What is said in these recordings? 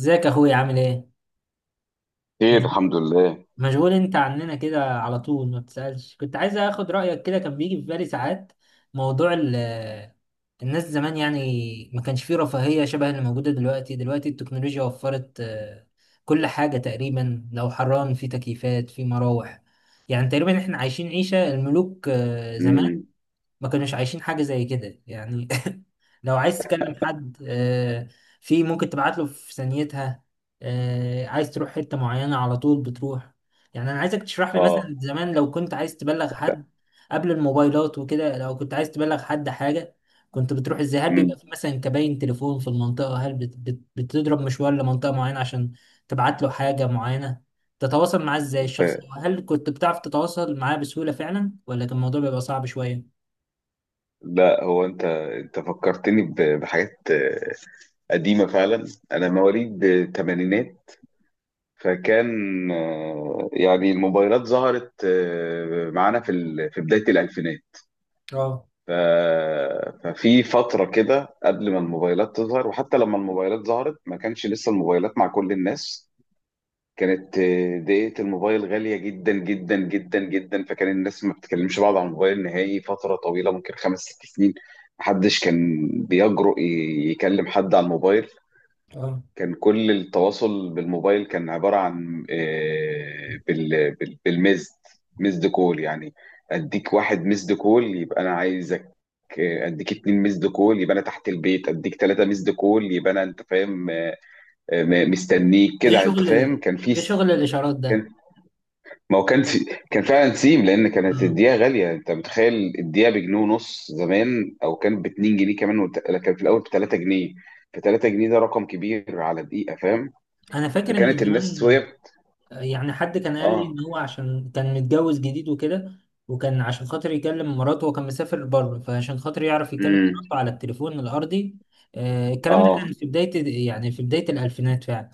ازيك يا اخويا؟ عامل ايه؟ خير، مف- الحمد لله. مشغول انت عننا كده على طول، ما بتسألش. كنت عايز اخد رأيك، كده كان بيجي في بالي ساعات. موضوع الناس زمان، يعني ما كانش فيه رفاهية شبه اللي موجودة دلوقتي التكنولوجيا وفرت كل حاجة تقريبا. لو حران، في تكييفات، في مراوح. يعني تقريبا احنا عايشين عيشة الملوك. زمان امم ما كانوش عايشين حاجة زي كده يعني. لو عايز تكلم حد، في ممكن تبعت له في ثانيتها. عايز تروح حتة معينة، على طول بتروح. يعني أنا عايزك تشرح لي اه. مثلا، زمان لو كنت عايز تبلغ حد، قبل الموبايلات وكده، لو كنت عايز تبلغ حد حاجة، كنت بتروح ازاي؟ هل امم بيبقى في مثلا كباين تليفون في المنطقة؟ هل بتضرب مشوار لمنطقة معينة عشان تبعت له حاجة معينة؟ تتواصل معاه ازاي الشخص؟ هل كنت بتعرف تتواصل معاه بسهولة فعلا، ولا كان الموضوع بيبقى صعب شوية؟ لا، هو انت فكرتني بحاجات قديمه فعلا. انا مواليد الثمانينات، فكان يعني الموبايلات ظهرت معانا في بدايه الالفينات. اه. ف- ففي فتره كده قبل ما الموبايلات تظهر، وحتى لما الموبايلات ظهرت ما كانش لسه الموبايلات مع كل الناس. كانت دقيقة الموبايل غالية جدا جدا جدا جدا، فكان الناس ما بتكلمش بعض على الموبايل نهائي فترة طويلة، ممكن خمس ست سنين. محدش كان بيجرؤ يكلم حد على الموبايل. اه. كان كل التواصل بالموبايل كان عبارة عن آه، بال- بال- بالمزد مزد كول يعني. اديك واحد مزد كول يبقى انا عايزك، اديك اتنين مزد كول يبقى انا تحت البيت، اديك تلاتة مزد كول يبقى انا... انت فاهم؟ مستنيك ايه كده. انت شغل؟ فاهم؟ كان في... ايه شغل الاشارات ده؟ ما هو كان فعلا سيم، لان كانت اه. الدقيقه غاليه. انت متخيل؟ الدقيقه بجنيه ونص زمان، او كان ب 2 جنيه كمان، كان في الاول ب 3 جنيه. ف 3 جنيه ده رقم كبير على دقيقه، فاهم؟ انا فاكر ان فكانت زمان، الناس وهي... يعني حد كان قال لي اه. ان هو عشان كان متجوز جديد وكده، وكان عشان خاطر يكلم مراته، وكان مسافر بره، فعشان خاطر يعرف يكلم امم مراته على التليفون الارضي، الكلام ده اه. كان في بداية، يعني في بداية الالفينات فعلا.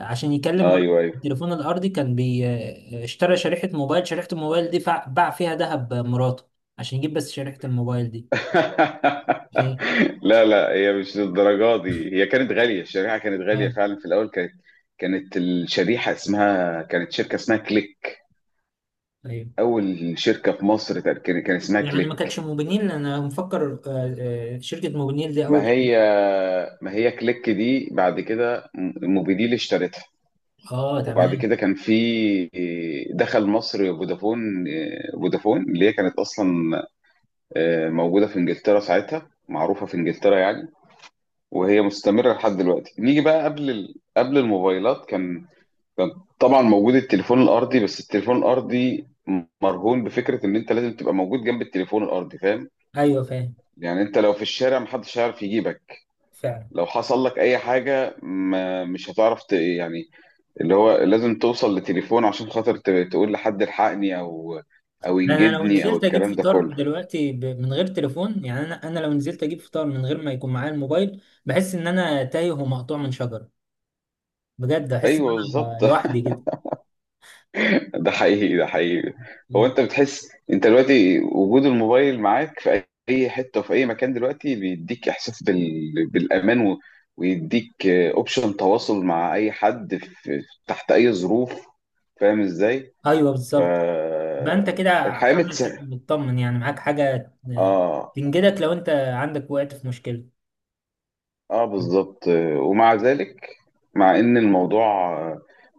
عشان يكلم مراته على ايوه، ايوه. التليفون الارضي، كان بي آه، اشترى شريحة موبايل. شريحة الموبايل دي باع فيها ذهب مراته عشان يجيب بس شريحة الموبايل دي. شيء. لا، لا، هي مش للدرجه دي. هي كانت غاليه، الشريحه كانت غاليه اه. فعلا في الاول. كانت... كانت الشريحه اسمها... كانت شركه اسمها كليك. ايوه. اول شركه في مصر كان اسمها يعني ما كليك. كانتش موبينيل؟ انا مفكر شركة موبينيل دي اول ما شركة. هي ما هي كليك دي بعد كده موبيديل اشترتها. اه، وبعد تمام. كده كان في... دخل مصر فودافون. فودافون اللي هي كانت اصلا موجوده في انجلترا ساعتها، معروفه في انجلترا يعني، وهي مستمره لحد دلوقتي. نيجي بقى قبل الموبايلات. كان طبعا موجود التليفون الارضي، بس التليفون الارضي مرهون بفكره ان انت لازم تبقى موجود جنب التليفون الارضي، فاهم؟ ايوه فاهم. يعني انت لو في الشارع محدش هيعرف يجيبك. فعلا. لو حصل لك اي حاجه ما مش هتعرف يعني اللي هو لازم توصل لتليفون عشان خاطر تقول لحد الحقني، او ده انا لو ينجدني، او نزلت اجيب الكلام ده فطار كله. دلوقتي، من غير تليفون، يعني انا لو نزلت اجيب فطار من غير ما يكون معايا الموبايل، بحس ان انا تايه ومقطوع من شجرة. بجد احس ان ايوه، انا بالظبط. لوحدي كده. ده حقيقي، ده حقيقي. هو انت بتحس انت دلوقتي وجود الموبايل معاك في اي حته وفي اي مكان دلوقتي بيديك احساس بالامان، و... ويديك اوبشن تواصل مع اي حد في... تحت اي ظروف. فاهم ازاي؟ ايوه ف بالظبط. بقى انت كده الحياه عامل حاجة، متسهله. مطمن يعني، معاك حاجة اه، تنجدك لو انت عندك وقت في مشكلة. اه، بالظبط. ومع ذلك، مع ان الموضوع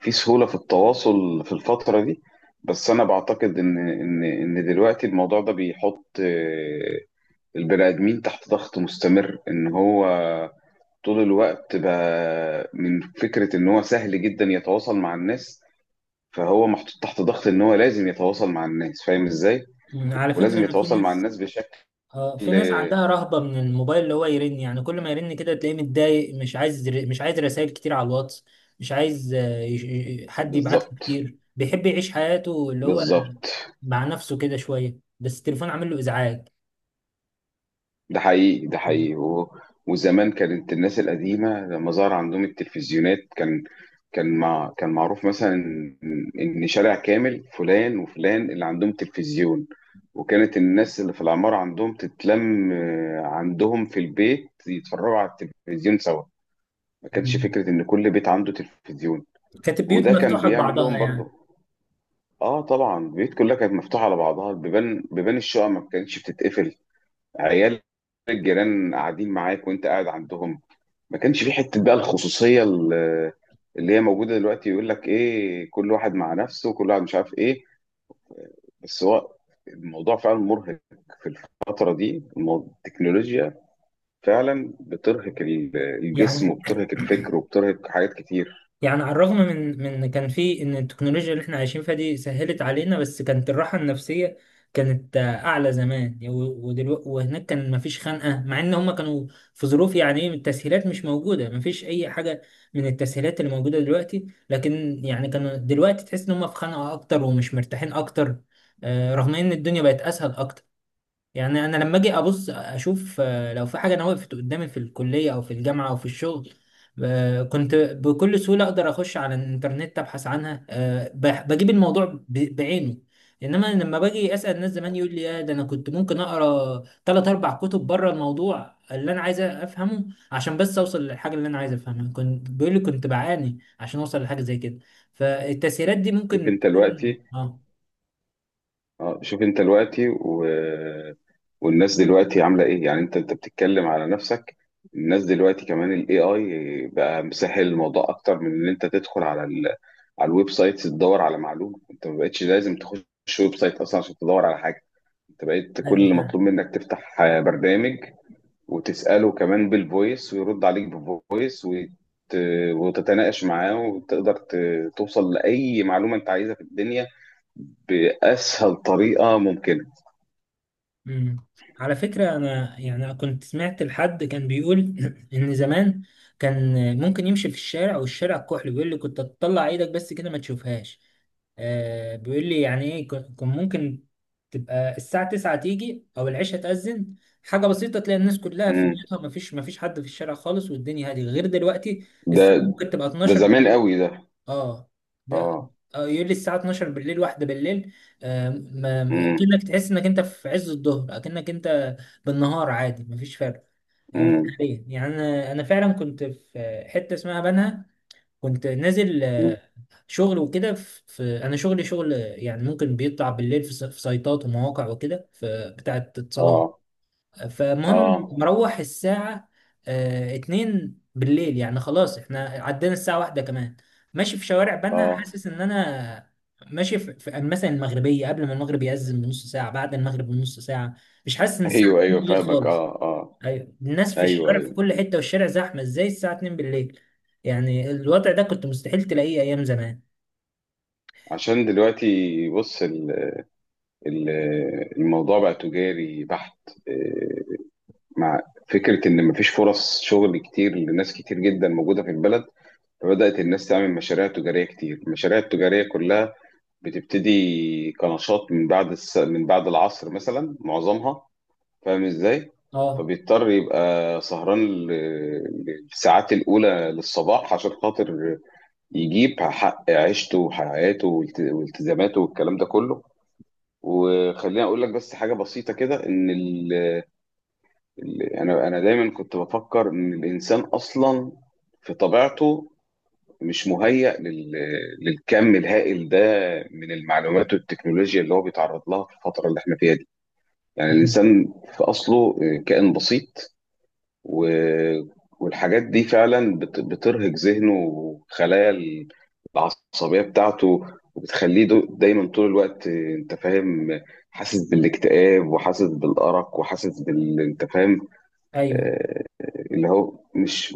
فيه سهولة في التواصل في الفترة دي، بس انا بعتقد ان دلوقتي الموضوع ده بيحط البني ادمين تحت ضغط مستمر ان هو طول الوقت بقى من فكرة ان هو سهل جدا يتواصل مع الناس. فهو محطوط تحت ضغط ان هو لازم يتواصل مع الناس، فاهم ازاي؟ على فكرة، ولازم أنا في يتواصل مع ناس، الناس بشكل... اه في ناس عندها رهبة من الموبايل، اللي هو يرن، يعني كل ما يرن كده تلاقيه متضايق، مش عايز رسائل كتير على الواتس، مش عايز حد يبعت له بالظبط، كتير. بيحب يعيش حياته اللي هو بالظبط. مع نفسه كده شوية، بس التليفون عامل له إزعاج. ده حقيقي، ده حقيقي و... وزمان كانت الناس القديمة لما ظهر عندهم التلفزيونات كان... كان معروف مثلا إن شارع كامل فلان وفلان اللي عندهم تلفزيون، وكانت الناس اللي في العمارة عندهم تتلم عندهم في البيت يتفرجوا على التلفزيون سوا. ما كانش مم. فكرة إن كل بيت عنده تلفزيون. كانت البيوت وده كان مفتوحة بيعمل لهم لبعضها برضه... يعني. اه طبعا، البيوت كلها كانت مفتوحة على بعضها. بيبان الشقق ما كانتش بتتقفل. عيال الجيران قاعدين معاك وانت قاعد عندهم. ما كانش في حته بقى الخصوصيه اللي هي موجوده دلوقتي يقول لك ايه، كل واحد مع نفسه، كل واحد مش عارف ايه. بس هو الموضوع فعلا مرهق في الفتره دي. التكنولوجيا فعلا بترهق الجسم، يعني وبترهق الفكر، وبترهق حاجات كتير. يعني على الرغم من إن كان في ان التكنولوجيا اللي احنا عايشين فيها دي سهلت علينا، بس كانت الراحه النفسيه كانت اعلى زمان. ودلوقتي وهناك كان مفيش خنقه، مع ان هم كانوا في ظروف، يعني ايه، التسهيلات مش موجوده، مفيش اي حاجه من التسهيلات اللي موجوده دلوقتي. لكن يعني كانوا دلوقتي تحس ان هم في خنقه اكتر ومش مرتاحين اكتر، رغم ان الدنيا بقت اسهل اكتر. يعني انا لما اجي ابص اشوف، لو في حاجه انا وقفت قدامي في الكليه او في الجامعه او في الشغل، كنت بكل سهوله اقدر اخش على الانترنت ابحث عنها، بجيب الموضوع بعينه. انما لما باجي اسال ناس زمان، يقول لي يا ده انا كنت ممكن اقرا ثلاث اربع كتب بره الموضوع اللي انا عايز افهمه، عشان بس اوصل للحاجه اللي انا عايز افهمها. كنت بيقول لي كنت بعاني عشان اوصل لحاجه زي كده. فالتسهيلات دي شوف ممكن انت تكون، دلوقتي... اه، اه شوف انت دلوقتي و... والناس دلوقتي عامله ايه. يعني انت بتتكلم على نفسك. الناس دلوقتي كمان الاي اي بقى مسهل الموضوع اكتر من ان انت تدخل على الويب سايت تدور على معلومه. انت ما بقتش لازم تخش ويب سايت اصلا عشان تدور على حاجه. انت بقيت كل ايوه. اللي مطلوب منك تفتح برنامج وتساله كمان بالفويس، ويرد عليك بالفويس، وت... وتتناقش معاه، وتقدر توصل لاي معلومه انت عايزها في الدنيا باسهل طريقه ممكنه. مم. على فكرة، أنا يعني كنت سمعت لحد كان بيقول، إن زمان كان ممكن يمشي في الشارع والشارع كحل، بيقول لي كنت تطلع إيدك بس كده ما تشوفهاش. بيقول لي يعني إيه. كان ممكن تبقى الساعة 9 تيجي، أو العشاء تأذن، حاجة بسيطة، تلاقي الناس كلها في مم. بيوتها، ما فيش حد في الشارع خالص، والدنيا هادية غير دلوقتي. ده الساعة ممكن تبقى ده 12 زمان بالليل. قوي ده. اه. ده اه. يقول لي الساعة 12 بالليل، واحدة بالليل. مم. اكنك تحس انك انت في عز الظهر، اكنك انت بالنهار عادي، مفيش فرق. في مم. الحقيقة. يعني انا فعلا كنت في حتة اسمها بنها. كنت نازل مم. شغل وكده، في انا شغلي شغل، يعني ممكن بيطلع بالليل، في سايتات ومواقع وكده، في بتاعة اتصالات. اه، فالمهم اه، مروح الساعة اتنين بالليل، يعني خلاص احنا عدينا الساعة واحدة كمان. ماشي في شوارع بنها، اه. حاسس ان انا ماشي في مثلا المغربية، قبل ما المغرب يأذن بنص ساعة، بعد المغرب بنص ساعة، مش حاسس ان الساعة ايوه، 2 ايوه، بالليل فاهمك. خالص. اه، اه. ايوه، الناس في ايوه، الشوارع في ايوه. كل حتة، والشارع زحمة ازاي الساعة 2 بالليل؟ يعني الوضع ده كنت مستحيل تلاقيه ايام زمان. عشان دلوقتي بص... ال- الموضوع بقى تجاري بحت، آه، مع فكره ان مفيش فرص شغل كتير لناس كتير جدا موجوده في البلد. فبدات الناس تعمل مشاريع تجاريه كتير. المشاريع التجاريه كلها بتبتدي كنشاط من بعد العصر مثلا معظمها، فاهم ازاي؟ اه. فبيضطر يبقى سهران للساعات الأولى للصباح عشان خاطر يجيب حق عيشته وحياته والتزاماته والكلام ده كله. وخليني أقول لك بس حاجة بسيطة كده إن أنا دايما كنت بفكر إن الإنسان أصلا في طبيعته مش مهيأ للكم الهائل ده من المعلومات والتكنولوجيا اللي هو بيتعرض لها في الفترة اللي احنا فيها دي. يعني مم. الإنسان في أصله كائن بسيط، و... والحاجات دي فعلا بترهق ذهنه وخلايا العصبية بتاعته، وبتخليه دايما طول الوقت انت فاهم، حاسس بالاكتئاب، وحاسس بالأرق، وحاسس بال... انت فاهم. ايوه. اللي هو مش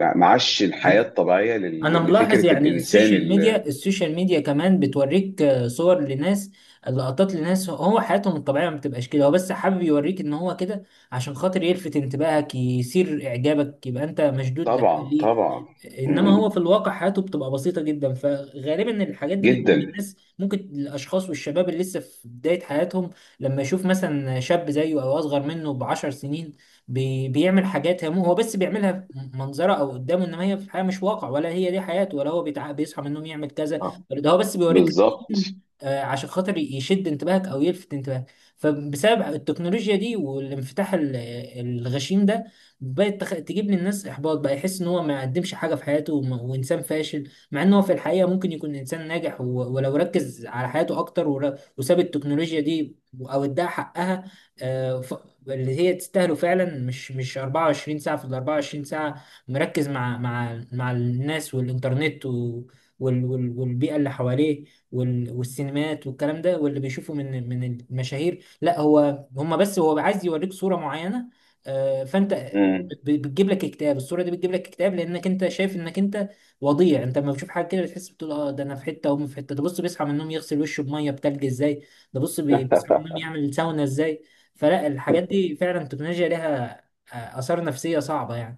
معاش الحياة عن- الطبيعية انا لل... ملاحظ، لفكرة يعني الإنسان اللي... السوشيال ميديا كمان بتوريك صور لناس، لقطات لناس، هو حياتهم الطبيعيه ما بتبقاش كده، هو بس حابب يوريك ان هو كده عشان خاطر يلفت انتباهك، يثير اعجابك، يبقى انت مشدود طبعا، ليه. طبعا. انما هو مم. في الواقع حياته بتبقى بسيطه جدا. فغالبا الحاجات دي بتجيب جدا. الناس، ممكن الاشخاص والشباب اللي لسه في بدايه حياتهم، لما يشوف مثلا شاب زيه او اصغر منه بعشر سنين بيعمل حاجات، هو بس بيعملها في منظره او قدامه، انما هي في الحياه مش واقع، ولا هي دي حياته، ولا هو بيصحى من النوم يعمل كذا، آه، ولا ده هو بس بيوريك بالظبط. روتين، عشان خاطر يشد انتباهك او يلفت انتباهك. فبسبب التكنولوجيا دي، والانفتاح الغشيم ده، بقت تجيب للناس احباط، بقى يحس ان هو ما قدمش حاجه في حياته، وانسان فاشل، مع ان هو في الحقيقه ممكن يكون انسان ناجح، ولو ركز على حياته اكتر، وساب التكنولوجيا دي، او اداها حقها، آه، ف- اللي هي تستاهله فعلا، مش 24 ساعة في ال 24 ساعة مركز مع الناس والإنترنت، والبيئة اللي حواليه، والسينمات والكلام ده، واللي بيشوفه من المشاهير، لا، هو هما بس هو عايز يوريك صورة معينة. فأنت مم. بتجيب لك اكتئاب. الصورة دي بتجيب لك اكتئاب، لأنك أنت شايف إنك أنت وضيع. أنت لما بتشوف حاجة كده بتحس، بتقول أه، ده أنا في حتة وهم في حتة. ده بص بيصحى من النوم يغسل وشه بمية بتلج إزاي، ده بص بيصحى من النوم يعمل ساونا إزاي. فلا، الحاجات دي فعلا التكنولوجيا لها آثار نفسية صعبة يعني.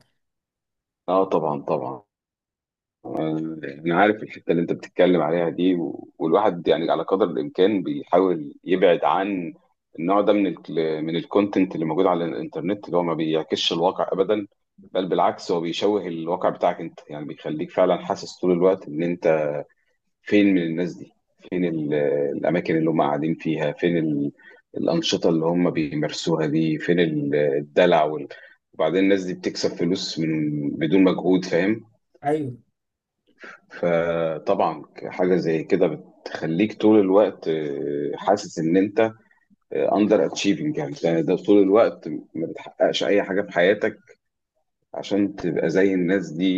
اه طبعا، طبعا. انا عارف الحته اللي انت بتتكلم عليها دي. والواحد يعني على قدر الامكان بيحاول يبعد عن النوع ده من ال... من الكونتنت اللي موجود على الانترنت، اللي هو ما بيعكسش الواقع ابدا. بل بالعكس هو بيشوه الواقع بتاعك انت، يعني بيخليك فعلا حاسس طول الوقت ان انت فين من الناس دي، فين الاماكن اللي هم قاعدين فيها، فين الانشطه اللي هم بيمارسوها دي، فين الدلع وبعدين الناس دي بتكسب فلوس من بدون مجهود، فاهم؟ ايوه. فطبعا حاجة زي كده بتخليك طول الوقت حاسس ان انت اندر اتشيفنج يعني. ده طول الوقت ما بتحققش اي حاجة في حياتك عشان تبقى زي الناس دي،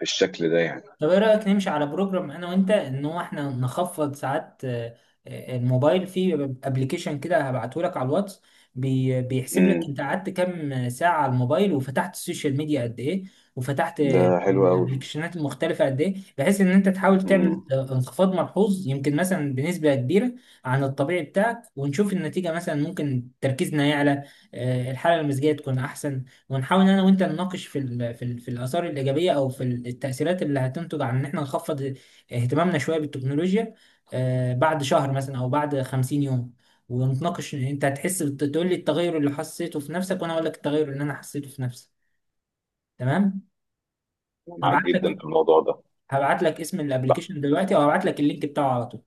بالشكل ده يعني. طب ايه رأيك نمشي على بروجرام انا وانت، ان هو احنا نخفض ساعات الموبايل؟ في ابلكيشن كده هبعته لك على الواتس، بيحسب لك امم انت قعدت كام ساعة على الموبايل، وفتحت السوشيال ميديا قد ايه، وفتحت ده حلو قوي. الابلكيشنات المختلفة قد ايه، بحيث ان انت تحاول تعمل امم انخفاض ملحوظ، يمكن مثلا بنسبة كبيرة عن الطبيعي بتاعك، ونشوف النتيجة. مثلا ممكن تركيزنا يعلى، الحالة المزاجية تكون احسن. ونحاول انا وانت نناقش في الاثار الايجابيه، او في التاثيرات اللي هتنتج عن ان احنا نخفض اهتمامنا شويه بالتكنولوجيا، بعد شهر مثلا او بعد 50 يوم. ونتناقش، انت هتحس تقول لي التغير اللي حسيته في نفسك، وانا اقول لك التغير اللي انا حسيته في نفسي. تمام. معاك هبعت جدا لك في الموضوع ده. هبعت لك اسم بقى... الابلكيشن دلوقتي، او هبعت لك اللينك بتاعه على طول.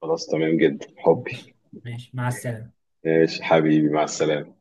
خلاص، تمام جدا حبي. ماشي. ماشي. مع السلامه. ماشي حبيبي، مع السلامة.